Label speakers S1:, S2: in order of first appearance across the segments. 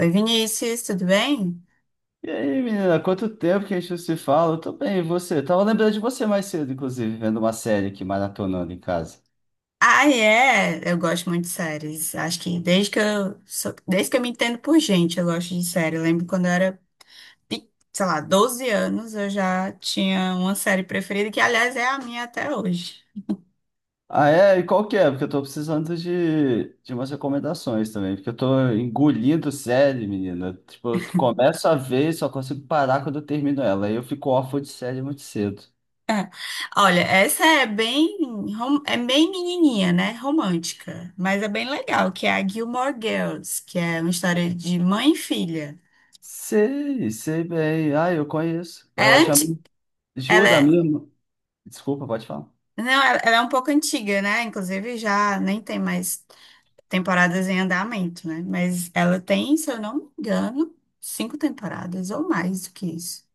S1: Oi, Vinícius, tudo bem?
S2: E aí, menina, quanto tempo que a gente não se fala? Eu tô bem, e você? Tava lembrando de você mais cedo, inclusive, vendo uma série aqui, maratonando em casa.
S1: Ah, é, eu gosto muito de séries. Acho que desde que desde que eu me entendo por gente, eu gosto de série. Eu lembro quando eu era, pe- sei lá, 12 anos, eu já tinha uma série preferida, que aliás é a minha até hoje.
S2: Ah, é? E qual que é? Porque eu tô precisando de umas recomendações também, porque eu tô engolindo série, menina. Tipo, eu começo a ver e só consigo parar quando eu termino ela. Aí eu fico órfão de série muito cedo.
S1: Olha, essa é bem, rom- é bem menininha, né? Romântica, mas é bem legal, que é a Gilmore Girls, que é uma história de mãe e filha.
S2: Sei, sei bem. Ah, eu conheço.
S1: É
S2: É ótimo. A
S1: anti...
S2: minha-
S1: Ela
S2: juro, a
S1: é...
S2: minha irmã- desculpa, pode falar.
S1: Não, ela é um pouco antiga, né? Inclusive já nem tem mais temporadas em andamento, né? Mas ela tem, se eu não me engano, cinco temporadas ou mais do que isso.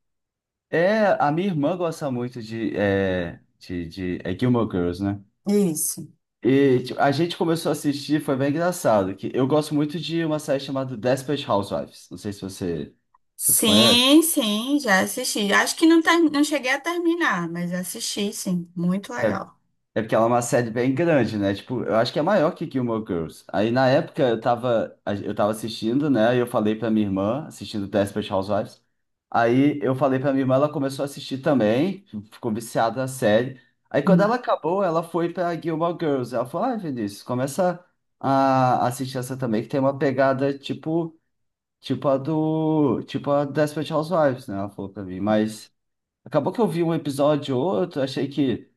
S2: É, a minha irmã gosta muito de Gilmore Girls, né?
S1: Isso.
S2: E tipo, a gente começou a assistir, foi bem engraçado, que eu gosto muito de uma série chamada Desperate Housewives. Não sei se você conhece.
S1: Sim, sim, já assisti. Acho que não, não cheguei a terminar, mas assisti, sim. Muito
S2: É,
S1: legal.
S2: é porque ela é uma série bem grande, né? Tipo, eu acho que é maior que Gilmore Girls. Aí na época eu tava assistindo, né? E eu falei pra minha irmã, assistindo Desperate Housewives. Aí eu falei pra minha irmã, ela começou a assistir também, ficou viciada na série. Aí quando ela
S1: Hum.
S2: acabou, ela foi pra Gilmore Girls. Ela falou, ai, Vinícius, começa a assistir essa também, que tem uma pegada, tipo Tipo a do. Tipo a Desperate Housewives, né? Ela falou pra mim. Mas acabou que eu vi um episódio ou outro, achei que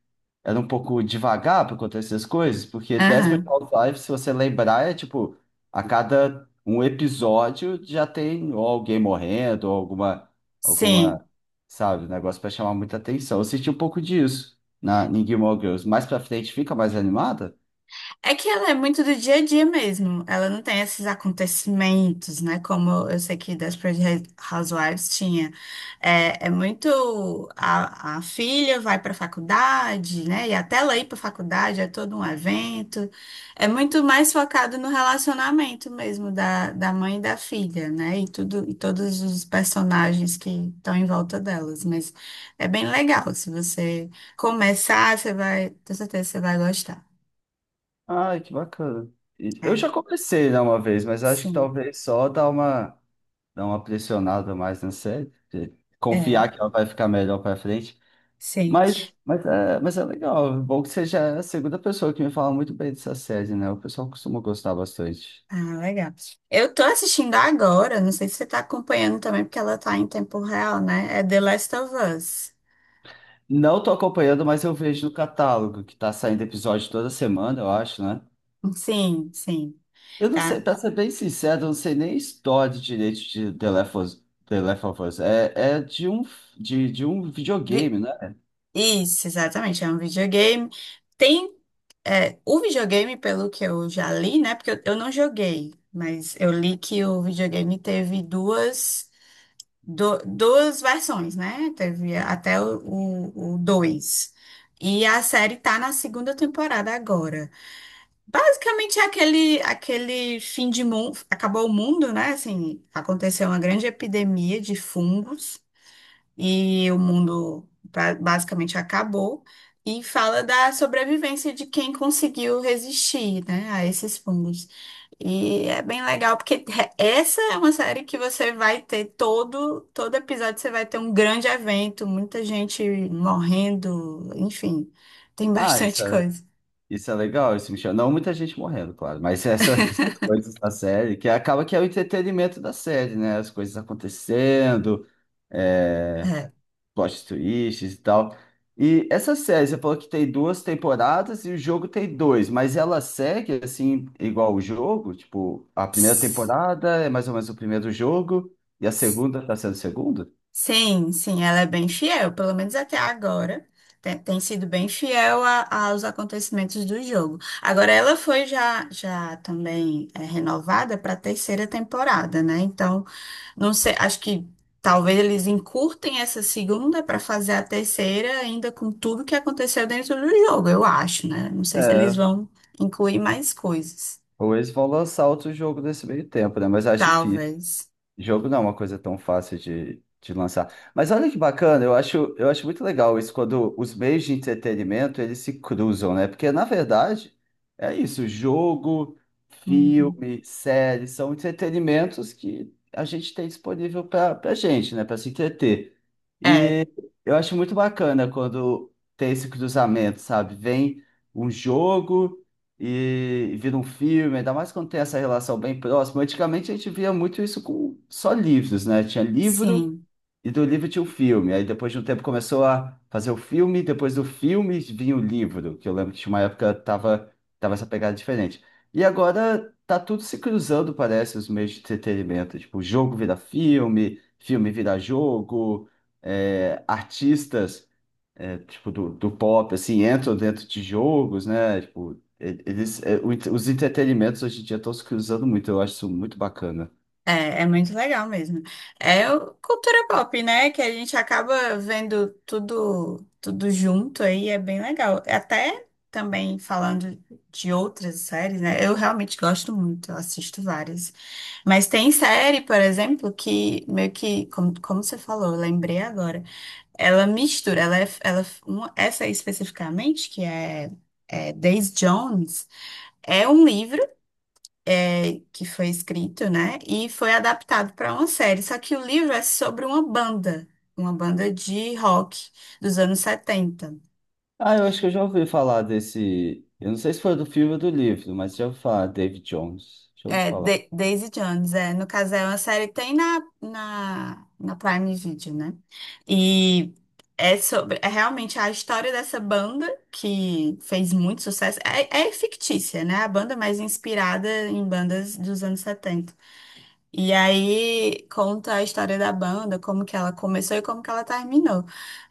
S2: era um pouco devagar pra acontecer as coisas, porque Desperate
S1: Aham,
S2: Housewives, se você lembrar, é tipo, a cada um episódio já tem ou alguém morrendo, ou
S1: sim.
S2: alguma, sabe, um negócio pra chamar muita atenção. Eu senti um pouco disso em Gilmore Girls. Mais pra frente fica mais animada?
S1: É que ela é muito do dia a dia mesmo. Ela não tem esses acontecimentos, né? Como eu sei que Desperate Housewives tinha. É muito. A filha vai para a faculdade, né? E até ela ir para a faculdade é todo um evento. É muito mais focado no relacionamento mesmo da mãe e da filha, né? E tudo, e todos os personagens que estão em volta delas. Mas é bem legal. Se você começar, você vai. Tenho certeza que você vai gostar.
S2: Ai, que bacana. E eu
S1: É.
S2: já comecei, né, uma vez, mas acho que
S1: Sim,
S2: talvez só dar uma pressionada mais na série, porque
S1: é,
S2: confiar que ela vai ficar melhor pra frente.
S1: sei.
S2: Mas, mas é legal. É bom que seja a segunda pessoa que me fala muito bem dessa série, né? O pessoal costuma gostar bastante.
S1: Ah, legal. Eu tô assistindo agora, não sei se você tá acompanhando também, porque ela tá em tempo real, né? É The Last of Us.
S2: Não tô acompanhando, mas eu vejo no catálogo, que tá saindo episódio toda semana, eu acho, né?
S1: Sim, sim,
S2: Eu não sei,
S1: tá.
S2: pra ser bem sincero, eu não sei nem a história direito de The Last of Us. The Last of Us. É, é de um
S1: Vi-
S2: videogame, né?
S1: Isso, exatamente, é um videogame. Tem, o videogame, pelo que eu já li, né? Porque eu não joguei, mas eu li que o videogame teve duas versões, né? Teve até o, dois. E a série tá na segunda temporada agora. Basicamente é aquele, aquele fim de mundo, acabou o mundo, né? Assim, aconteceu uma grande epidemia de fungos e o mundo basicamente acabou, e fala da sobrevivência de quem conseguiu resistir, né, a esses fungos. E é bem legal, porque essa é uma série que você vai ter todo, episódio, você vai ter um grande evento, muita gente morrendo, enfim, tem
S2: Ah,
S1: bastante
S2: essa.
S1: coisa.
S2: Isso é legal, isso me chama. Não muita gente morrendo, claro, mas essa- essas coisas da série, que acaba que é o entretenimento da série, né? As coisas acontecendo, é, plot twists e tal. E essa série, você falou que tem duas temporadas e o jogo tem dois, mas ela segue assim, igual o jogo? Tipo, a
S1: É.
S2: primeira temporada é mais ou menos o primeiro jogo, e a segunda tá sendo o segundo?
S1: Sim, sim, ela é bem fiel, pelo menos até agora. Tem sido bem fiel aos acontecimentos do jogo. Agora, ela foi já também renovada para a terceira temporada, né? Então, não sei, acho que talvez eles encurtem essa segunda para fazer a terceira, ainda com tudo que aconteceu dentro do jogo, eu acho, né? Não sei se eles
S2: É,
S1: vão incluir mais coisas.
S2: ou eles vão lançar outro jogo nesse meio tempo, né? Mas acho difícil.
S1: Talvez.
S2: Jogo não é uma coisa tão fácil de lançar. Mas olha que bacana, eu acho muito legal isso quando os meios de entretenimento eles se cruzam, né? Porque na verdade é isso, jogo,
S1: Uhum.
S2: filme, série são entretenimentos que a gente tem disponível para a gente, né? Para se entreter.
S1: É,
S2: E eu acho muito bacana quando tem esse cruzamento, sabe? Vem um jogo e vira um filme, ainda mais quando tem essa relação bem próxima. Antigamente a gente via muito isso com só livros, né? Tinha livro
S1: sim.
S2: e do livro tinha o filme. Aí depois de um tempo começou a fazer o filme, depois do filme vinha o livro, que eu lembro que tinha uma época tava essa pegada diferente. E agora tá tudo se cruzando, parece, os meios de entretenimento. Tipo, jogo vira filme, filme vira jogo, é, artistas é, tipo, do pop, assim, entram dentro de jogos, né? Tipo, e- eles, é, o ent- os entretenimentos hoje em dia estão se cruzando muito, eu acho isso muito bacana.
S1: É muito legal mesmo. Cultura pop, né? Que a gente acaba vendo tudo, tudo junto aí, é bem legal. Até também falando de outras séries, né? Eu realmente gosto muito, eu assisto várias. Mas tem série, por exemplo, que meio que, como, como você falou, eu lembrei agora, ela mistura, ela, é- ela, uma- essa aí especificamente, que é Days Jones, é um livro é, que foi escrito, né? E foi adaptado para uma série. Só que o livro é sobre uma banda de rock dos anos 70.
S2: Ah, eu acho que eu já ouvi falar desse. Eu não sei se foi do filme ou do livro, mas já ouvi falar, David Jones. Já ouvi
S1: É,
S2: falar.
S1: Daisy Jones, é. No caso, é uma série que tem na Prime Video, né? E é sobre, é realmente a história dessa banda que fez muito sucesso. É fictícia, né? A banda é mais inspirada em bandas dos anos 70. E aí conta a história da banda, como que ela começou e como que ela terminou.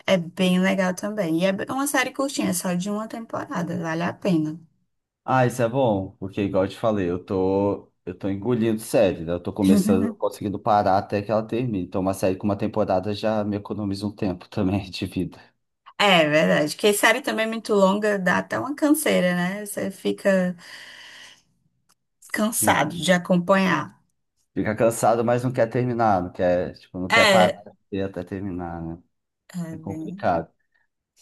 S1: É bem legal também. E é uma série curtinha, é só de uma temporada, vale a pena.
S2: Ah, isso é bom, porque igual eu te falei, eu tô engolindo série, né? Eu tô começando, não conseguindo parar até que ela termine. Então, uma série com uma temporada já me economiza um tempo também de vida.
S1: É verdade, porque série também é muito longa, dá até uma canseira, né? Você fica cansado de
S2: Sim.
S1: acompanhar.
S2: Fica cansado, mas não quer terminar, não quer, tipo, não quer parar
S1: É,
S2: de ver até terminar, né?
S1: é
S2: É
S1: bem-
S2: complicado.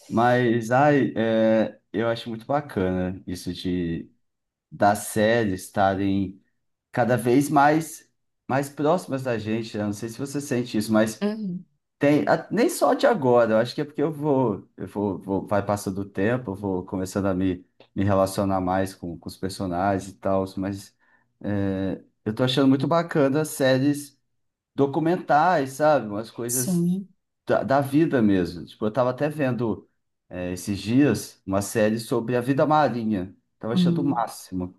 S2: Mas, ai, é, eu acho muito bacana isso de das séries estarem cada vez mais próximas da gente, né? Não sei se você sente isso, mas
S1: Uhum.
S2: tem a- nem só de agora. Eu acho que é porque vai passando o tempo, eu vou começando a me, me relacionar mais com os personagens e tal, mas é, eu tô achando muito bacana as séries documentais, sabe? Umas coisas
S1: Sim.
S2: da vida mesmo. Tipo, eu tava até vendo é, esses dias uma série sobre a vida marinha. Tava achando o
S1: Hum.
S2: máximo.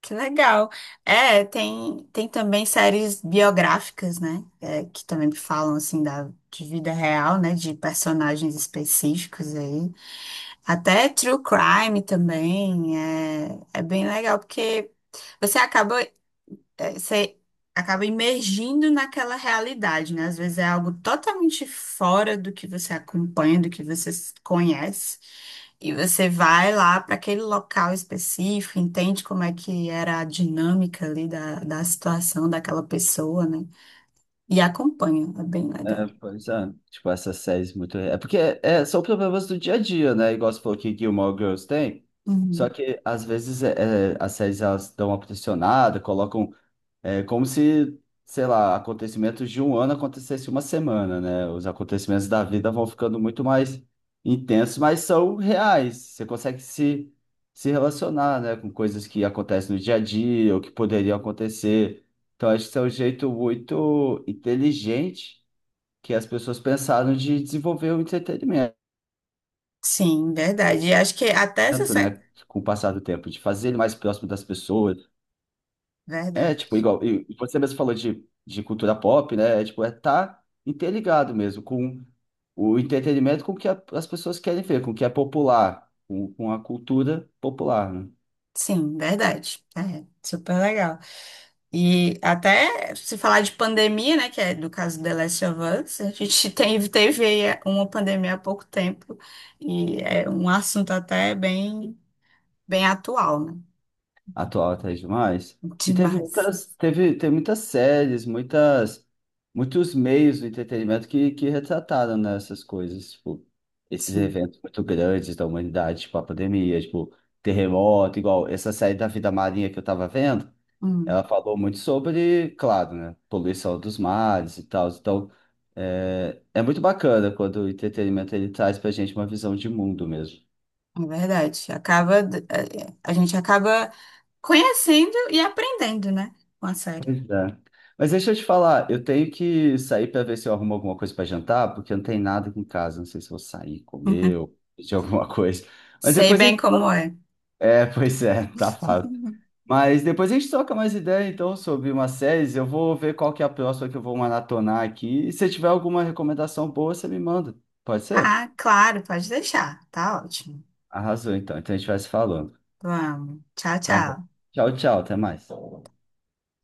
S1: Que legal. É, tem também séries biográficas, né? É, que também falam, assim, de vida real, né? De personagens específicos aí. Até True Crime também. É, é bem legal, porque você é, você acaba imergindo naquela realidade, né? Às vezes é algo totalmente fora do que você acompanha, do que você conhece. E você vai lá para aquele local específico, entende como é que era a dinâmica ali da situação daquela pessoa, né? E acompanha, é bem
S2: É,
S1: legal.
S2: pois é, tipo, essas séries muito. É porque é, são problemas do dia a dia, né? Igual você falou que Gilmore Girls tem. Só
S1: Uhum.
S2: que às vezes as séries elas dão uma pressionada, colocam é como se, sei lá, acontecimentos de um ano acontecesse uma semana, né? Os acontecimentos da vida vão ficando muito mais intensos, mas são reais. Você consegue se, se relacionar, né, com coisas que acontecem no dia a dia ou que poderiam acontecer. Então, acho que isso é um jeito muito inteligente que as pessoas pensaram de desenvolver o entretenimento,
S1: Sim, verdade. E acho que até essa... se-
S2: né? Com o passar do tempo, de fazer ele mais próximo das pessoas. É, tipo,
S1: Verdade.
S2: igual, e você mesmo falou de cultura pop, né? É, tipo, é tá interligado mesmo com o entretenimento, com o que a- as pessoas querem ver, com o que é popular, com a cultura popular, né?
S1: Sim, verdade. É, super legal. E até se falar de pandemia, né, que é do caso The Last of Us, a gente tem, teve uma pandemia há pouco tempo e é um assunto até bem, bem atual, né?
S2: Atual até demais. E teve
S1: Demais.
S2: muitas, teve, tem muitas séries, muitas, muitos meios do entretenimento que retrataram, né, essas coisas, tipo, esses
S1: Sim.
S2: eventos muito grandes da humanidade, tipo a pandemia, tipo, terremoto, igual essa série da Vida Marinha que eu tava vendo.
S1: Hum,
S2: Ela falou muito sobre, claro, né, poluição dos mares e tal. Então, é, é muito bacana quando o entretenimento ele traz pra gente uma visão de mundo mesmo.
S1: é verdade. Acaba, é, a gente acaba conhecendo e aprendendo, né, com a série.
S2: Pois é. Mas deixa eu te falar, eu tenho que sair para ver se eu arrumo alguma coisa para jantar, porque não tem nada aqui em casa. Não sei se eu vou sair, comer ou pedir alguma coisa. Mas
S1: Sei
S2: depois a
S1: bem
S2: gente
S1: como é.
S2: é, pois é, tá fácil. Mas depois a gente troca mais ideia, então, sobre uma série. Eu vou ver qual que é a próxima que eu vou maratonar aqui. E se tiver alguma recomendação boa, você me manda. Pode ser?
S1: Ah, claro, pode deixar. Tá ótimo.
S2: Arrasou, então. Então a gente vai se falando.
S1: Vamos. Tchau,
S2: Tá bom.
S1: tchau.
S2: Tchau, tchau. Até mais.